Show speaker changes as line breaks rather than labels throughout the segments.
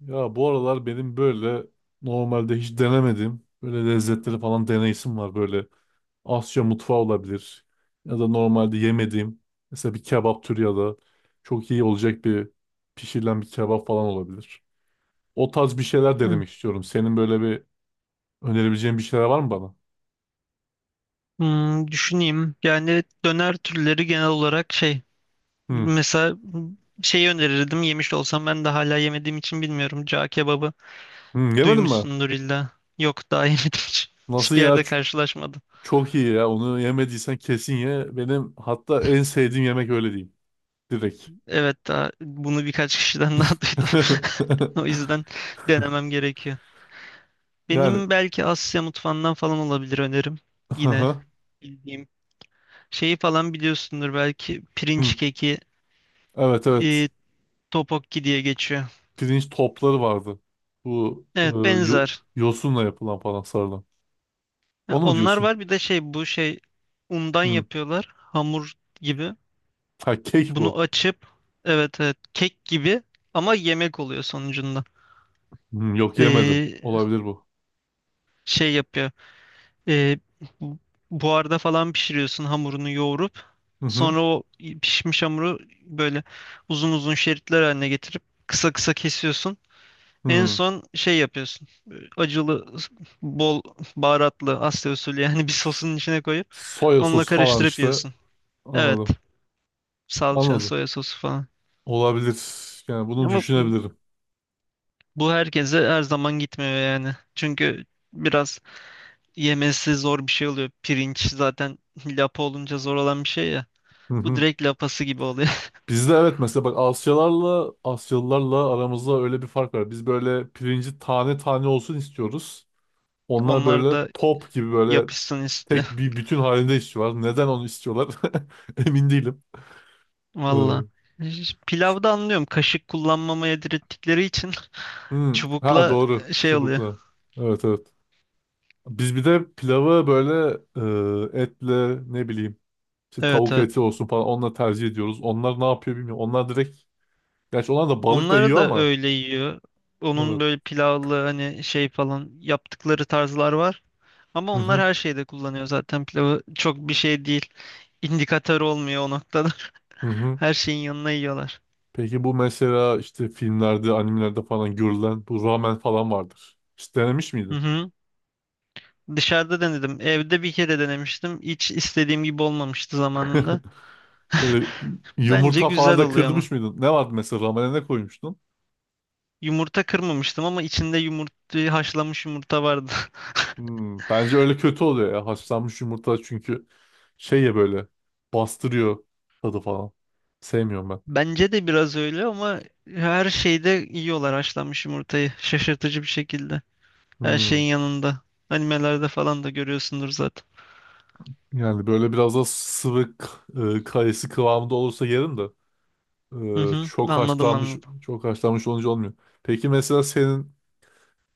Ya bu aralar benim böyle normalde hiç denemediğim böyle lezzetleri falan deneyesim var. Böyle Asya mutfağı olabilir ya da normalde yemediğim mesela bir kebap türü ya da çok iyi olacak bir pişirilen bir kebap falan olabilir. O tarz bir şeyler
Evet.
denemek istiyorum. Senin böyle bir önerebileceğin bir şeyler var mı bana?
Hmm, düşüneyim. Yani döner türleri genel olarak şey
Hı.
mesela şeyi önerirdim yemiş olsam ben de hala yemediğim için bilmiyorum. Cağ kebabı
Hı, yemedin mi?
duymuşsundur illa. Yok daha yemedim hiç.
Nasıl
Hiçbir
ya?
yerde karşılaşmadım.
Çok iyi ya. Onu yemediysen kesin ye. Benim hatta en sevdiğim yemek öyle değil. Direkt.
Evet daha bunu birkaç kişiden daha duydum. O yüzden denemem gerekiyor.
Yani.
Benim belki Asya mutfağından falan olabilir önerim. Yine bildiğim şeyi falan biliyorsundur belki
Hı.
pirinç keki,
Evet evet.
e, tteokbokki diye geçiyor.
Pirinç topları vardı. Bu
Evet
yo-
benzer.
yosunla yapılan falan sarılan.
Ya
Onu mu
onlar
diyorsun?
var bir de şey bu şey undan
Hı.
yapıyorlar hamur gibi.
Ha kek
Bunu
bu.
açıp evet evet kek gibi ama yemek oluyor sonucunda.
Hı, yok yemedim.
Ee,
Olabilir bu.
şey yapıyor. Ee, bu- Buharda falan pişiriyorsun hamurunu yoğurup
Hı hı.
sonra o pişmiş hamuru böyle uzun uzun şeritler haline getirip kısa kısa kesiyorsun. En
Hı.
son şey yapıyorsun. Acılı bol baharatlı Asya usulü yani bir sosun içine koyup
Soya
onunla
sosu falan
karıştırıp
işte.
yiyorsun. Evet.
Anladım.
Salça,
Anladım.
soya sosu falan.
Olabilir. Yani bunu
Ama bu
düşünebilirim.
bu herkese her zaman gitmiyor yani. Çünkü biraz yemesi zor bir şey oluyor. Pirinç zaten lapa olunca zor olan bir şey ya.
Hı
Bu
hı.
direkt lapası gibi oluyor.
Bizde evet mesela bak Asyalarla Asyalılarla aramızda öyle bir fark var. Biz böyle pirinci tane tane olsun istiyoruz. Onlar
Onlar
böyle
da
top gibi böyle
yapışsın istiyor.
tek bir bütün halinde istiyorlar. Neden onu istiyorlar? Emin değilim.
Valla.
Ee, ç-
Pilavda anlıyorum. Kaşık kullanmamaya direttikleri için
hmm, ha
çubukla
doğru.
şey oluyor.
Çubukla. Evet evet. Biz bir de pilavı böyle etle ne bileyim işte
Evet
tavuk
evet.
eti olsun falan onunla tercih ediyoruz. Onlar ne yapıyor bilmiyorum. Onlar direkt gerçi onlar da balık da
Onları
yiyor
da
ama
öyle yiyor. Onun
evet.
böyle pilavlı hani şey falan yaptıkları tarzlar var. Ama
Hı
onlar
hı.
her şeyde kullanıyor zaten pilavı. Çok bir şey değil. İndikatör olmuyor o noktada.
Hı hı.
Her şeyin yanına yiyorlar.
Peki bu mesela işte filmlerde, animelerde falan görülen bu ramen falan vardır. Hiç denemiş
Hı
miydin?
hı. Dışarıda denedim. Evde bir kere denemiştim. Hiç istediğim gibi olmamıştı zamanında.
Böyle
Bence
yumurta falan
güzel
da
oluyor ama.
kırdırmış mıydın? Ne vardı mesela ramene ne koymuştun?
Yumurta kırmamıştım ama içinde yumurta, haşlanmış yumurta vardı.
Hmm, bence öyle kötü oluyor ya. Haşlanmış yumurta çünkü şey ya böyle bastırıyor tadı falan. Sevmiyorum ben.
Bence de biraz öyle ama her şeyde yiyorlar haşlanmış yumurtayı. Şaşırtıcı bir şekilde. Her
Hmm,
şeyin yanında. Animelerde falan da görüyorsundur zaten.
yani böyle biraz da kayısı kıvamında olursa yerim de
Hı hı,
çok
anladım
haşlanmış
anladım.
çok haşlanmış olunca olmuyor. Peki mesela senin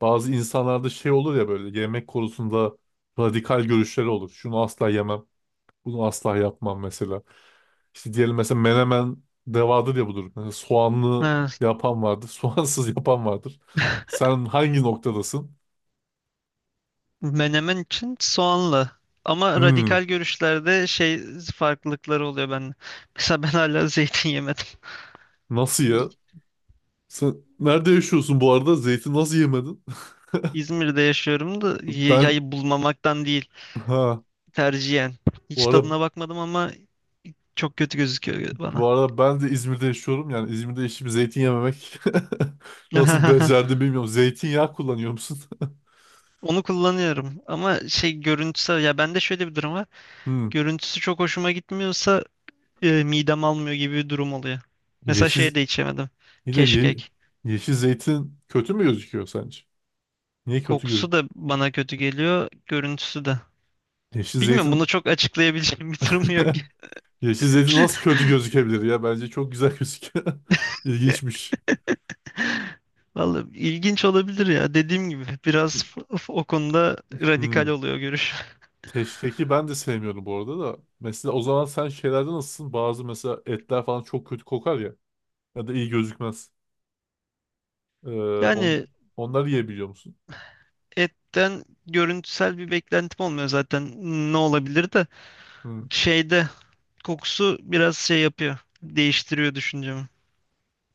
bazı insanlarda şey olur ya böyle yemek konusunda radikal görüşleri olur. Şunu asla yemem. Bunu asla yapmam mesela. İşte diyelim mesela menemen devadır ya budur. Mesela soğanlı
Ha,
yapan vardır. Soğansız yapan vardır. Sen hangi noktadasın?
menemen için soğanlı. Ama radikal
Hmm,
görüşlerde şey farklılıkları oluyor ben. Mesela ben hala zeytin yemedim.
nasıl ya?
İ-
Sen nerede yaşıyorsun bu arada? Zeytin nasıl yemedin?
İzmir'de yaşıyorum da
Ben
yayı bulmamaktan değil
ha
tercihen. Hiç
bu arada
tadına bakmadım ama çok kötü gözüküyor bana.
ben de İzmir'de yaşıyorum. Yani İzmir'de yaşayıp zeytin yememek nasıl becerdim bilmiyorum. Zeytinyağı kullanıyor musun?
Onu kullanıyorum ama şey görüntüsü ya bende şöyle bir durum var.
Hmm.
Görüntüsü çok hoşuma gitmiyorsa midem almıyor gibi bir durum oluyor. Mesela şey
Yeşil
de içemedim.
bir de
Keşkek.
yeşil zeytin kötü mü gözüküyor sence? Niye kötü
Kokusu da bana kötü geliyor, görüntüsü de.
yeşil
Bilmiyorum bunu
zeytin
çok açıklayabileceğim bir durum yok.
yeşil zeytin nasıl kötü gözükebilir ya? Bence çok güzel gözüküyor. İlginçmiş.
Vallahi ilginç olabilir ya. Dediğim gibi biraz o konuda radikal
Hmm.
oluyor görüş.
Keşkeki ben de sevmiyorum bu arada da. Mesela o zaman sen şeylerde nasılsın? Bazı mesela etler falan çok kötü kokar ya. Ya da iyi gözükmez. Ee,
Yani
on, onları yiyebiliyor musun?
etten görüntüsel bir beklentim olmuyor zaten. Ne olabilir de
Hmm.
şeyde kokusu biraz şey yapıyor. Değiştiriyor düşüncemi.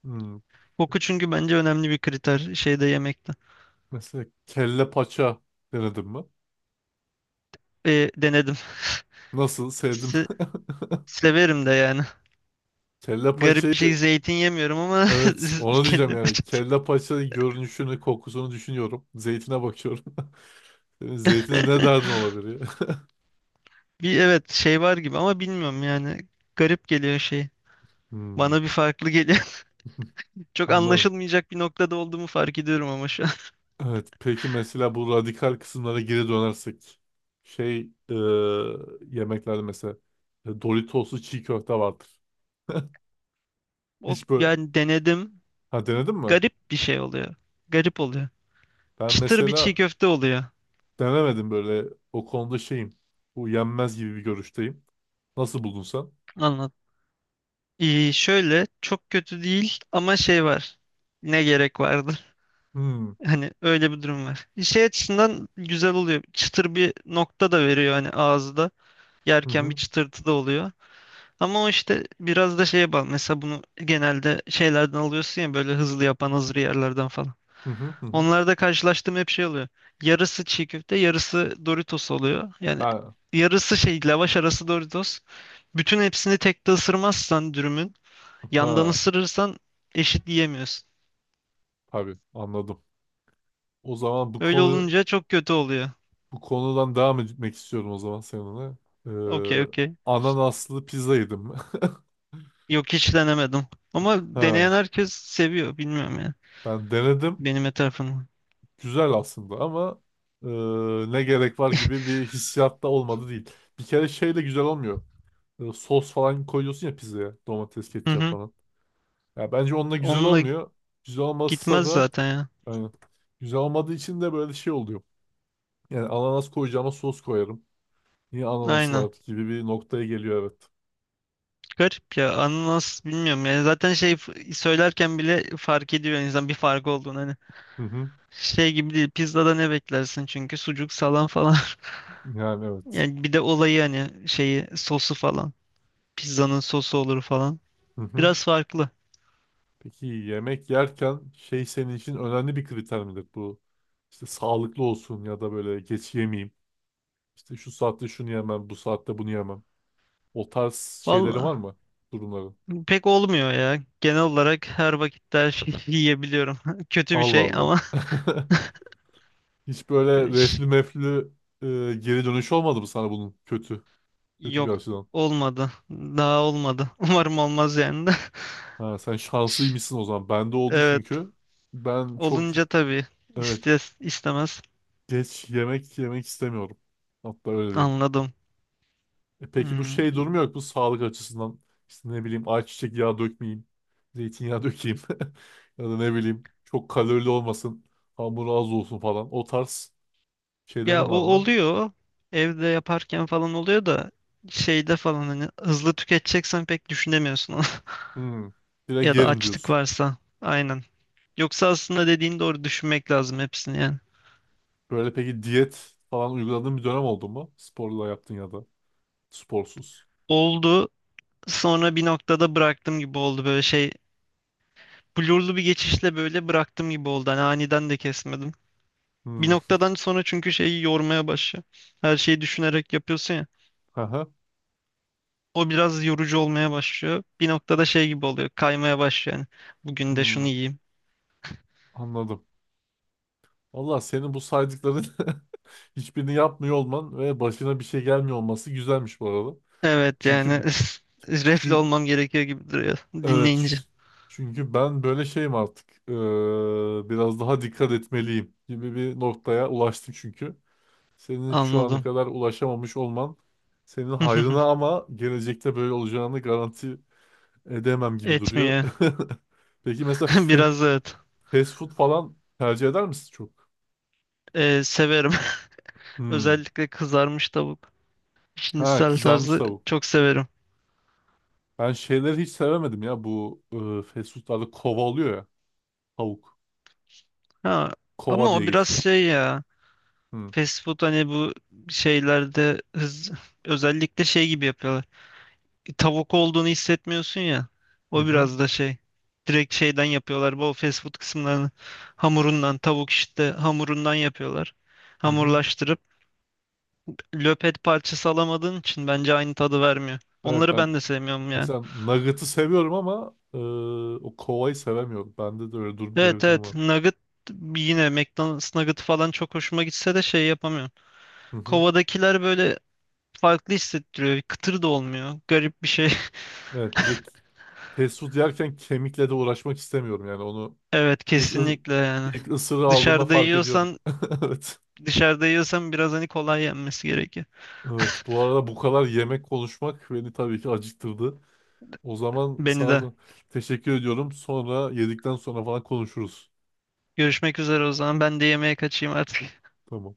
Hmm.
Koku çünkü bence önemli bir kriter şeyde yemekte.
Mesela kelle paça denedim mi?
E, denedim.
Nasıl? Sevdim mi?
Se- Severim de yani.
Kelle
Garip bir şey
paçayı
zeytin yemiyorum ama
evet, ona
kendi
diyeceğim yani.
yapacağız.
Kelle paça görünüşünü, kokusunu düşünüyorum. Zeytine bakıyorum. Senin zeytine ne derdin olabilir ya?
Bir evet şey var gibi ama bilmiyorum yani. Garip geliyor şey.
Hmm,
Bana bir farklı geliyor. Çok
anladım.
anlaşılmayacak bir noktada olduğumu fark ediyorum ama şu an.
Evet, peki mesela bu radikal kısımlara geri dönersek. Şey, e, yemeklerde mesela Doritos'lu çiğ köfte vardır.
O
Hiç böyle...
yani denedim.
Ha denedin mi?
Garip bir şey oluyor. Garip oluyor.
Ben
Çıtır bir çiğ
mesela
köfte oluyor.
denemedim böyle. O konuda şeyim. Bu yenmez gibi bir görüşteyim. Nasıl buldun sen?
Anlat. Şöyle çok kötü değil ama şey var. Ne gerek vardı?
Hmm.
Hani öyle bir durum var. Şey açısından güzel oluyor. Çıtır bir nokta da veriyor hani ağızda.
Hı
Yerken bir
hı.
çıtırtı da oluyor. Ama o işte biraz da şeye bağlı. Mesela bunu genelde şeylerden alıyorsun ya böyle hızlı yapan hazır yerlerden falan.
Hı hı hı hı.
Onlarda karşılaştığım hep şey oluyor. Yarısı çiğ köfte, yarısı Doritos oluyor. Yani
Ha.
yarısı şey lavaş arası Doritos. Bütün hepsini tek de ısırmazsan dürümün yandan
Ha.
ısırırsan eşit yiyemiyorsun.
Tabii anladım. O zaman
Öyle olunca çok kötü oluyor.
bu konudan devam etmek istiyorum o zaman seninle.
Okey
Ee,
okey.
ananaslı pizza yedim.
Yok hiç denemedim. Ama
Ha,
deneyen herkes seviyor. Bilmiyorum ya.
ben denedim.
Benim etrafımda.
Güzel aslında ama ne gerek var gibi bir hissiyat da olmadı değil. Bir kere şeyle güzel olmuyor. Sos falan koyuyorsun ya pizzaya. Domates,
Hı
ketçap
hı.
falan. Ya bence onunla güzel
Onunla
olmuyor. Güzel olmasa
gitmez
da
zaten ya.
aynen. Güzel olmadığı için de böyle şey oluyor. Yani ananas koyacağıma sos koyarım. Niye ananas
Aynen.
var gibi bir noktaya geliyor evet.
Garip ya ananas bilmiyorum yani zaten şey söylerken bile fark ediyor insan bir fark olduğunu hani
Hı hı.
şey gibi değil pizzada ne beklersin çünkü sucuk salam falan
Yani evet.
yani bir de olayı hani şeyi sosu falan pizzanın sosu olur falan
Hı hı.
biraz farklı.
Peki yemek yerken şey senin için önemli bir kriter midir bu? İşte sağlıklı olsun ya da böyle geç yemeyeyim. İşte şu saatte şunu yemem, bu saatte bunu yemem. O tarz şeyleri
Valla
var mı? Durumların.
pek olmuyor ya genel olarak her vakitte her şeyi yiyebiliyorum kötü bir
Allah
şey
Allah.
ama
Hiç böyle
iş-
reflü meflü e, geri dönüş olmadı mı sana bunun kötü? Kötü bir
yok
açıdan.
olmadı daha olmadı umarım olmaz yani de
Ha, sen şanslıymışsın o zaman. Bende oldu
evet
çünkü. Ben çok
olunca tabii
evet
istes istemez.
geç yemek yemek istemiyorum. Hatta öyle diyeyim.
Anladım.
E peki bu
Hmm.
şey durumu yok bu sağlık açısından işte ne bileyim ayçiçek yağı dökmeyeyim, zeytinyağı dökeyim ya da ne bileyim çok kalorili olmasın, hamuru az olsun falan o tarz
Ya
şeylerin
o
var mı?
oluyor. Evde yaparken falan oluyor da şeyde falan hani hızlı tüketeceksen pek düşünemiyorsun onu.
Hmm, direkt
Ya da
yerim
açlık
diyorsun.
varsa. Aynen. Yoksa aslında dediğin doğru düşünmek lazım hepsini yani.
Böyle peki diyet falan uyguladığın bir dönem oldu mu? Sporla yaptın ya da sporsuz.
Oldu. Sonra bir noktada bıraktım gibi oldu böyle şey. Blurlu bir geçişle böyle bıraktım gibi oldu. Hani aniden de kesmedim. Bir
Hmm.
noktadan sonra çünkü şeyi yormaya başlıyor. Her şeyi düşünerek yapıyorsun ya.
Aha.
O biraz yorucu olmaya başlıyor. Bir noktada şey gibi oluyor. Kaymaya başlıyor yani. Bugün de
Hmm.
şunu yiyeyim.
Anladım. Valla senin bu saydıkların hiçbirini yapmıyor olman ve başına bir şey gelmiyor olması güzelmiş bu arada.
Evet yani
Çünkü
refle
çünkü
olmam gerekiyor gibi duruyor
evet.
dinleyince.
Çünkü ben böyle şeyim artık. Biraz daha dikkat etmeliyim gibi bir noktaya ulaştım çünkü. Senin şu ana
Anladım.
kadar ulaşamamış olman senin hayrına ama gelecekte böyle olacağını garanti edemem gibi duruyor.
Etmiyor.
Peki mesela
Biraz evet.
fast food falan tercih eder misin çok?
Severim.
Hmm.
Özellikle kızarmış tavuk.
Ha
Şinisel
kızarmış
tarzı
tavuk.
çok severim.
Ben şeyleri hiç sevemedim ya bu fast foodlarda kova oluyor ya tavuk.
Ha, ama
Kova diye
o
geçiyor.
biraz şey ya.
Hmm.
Fast food hani bu şeylerde hız, özellikle şey gibi yapıyorlar. Tavuk olduğunu hissetmiyorsun ya.
Hı
O
hı.
biraz da şey. Direkt şeyden yapıyorlar. Bu fast food kısımlarını hamurundan, tavuk işte hamurundan yapıyorlar.
Hı hı.
Hamurlaştırıp löpet parçası alamadığın için bence aynı tadı vermiyor.
Evet
Onları
ben
ben de sevmiyorum yani.
mesela Nugget'ı seviyorum ama o kovayı sevemiyorum. Bende de öyle durum böyle
Evet
bir durum
evet,
var.
nugget yine McDonald's nugget falan çok hoşuma gitse de şey yapamıyorum.
Hı hı.
Kovadakiler böyle farklı hissettiriyor. Kıtır da olmuyor. Garip bir şey.
Evet bir de fast food yerken kemikle de uğraşmak istemiyorum yani onu
Evet
ilk ı-
kesinlikle yani.
ilk ısırığı aldığında
Dışarıda
fark ediyorum.
yiyorsan
Evet.
Dışarıda yiyorsam biraz hani kolay yenmesi gerekiyor.
Evet bu arada bu kadar yemek konuşmak beni tabii ki acıktırdı. O zaman
Beni
sana
de.
da teşekkür ediyorum. Sonra yedikten sonra falan konuşuruz.
Görüşmek üzere o zaman. Ben de yemeğe kaçayım artık.
Tamam.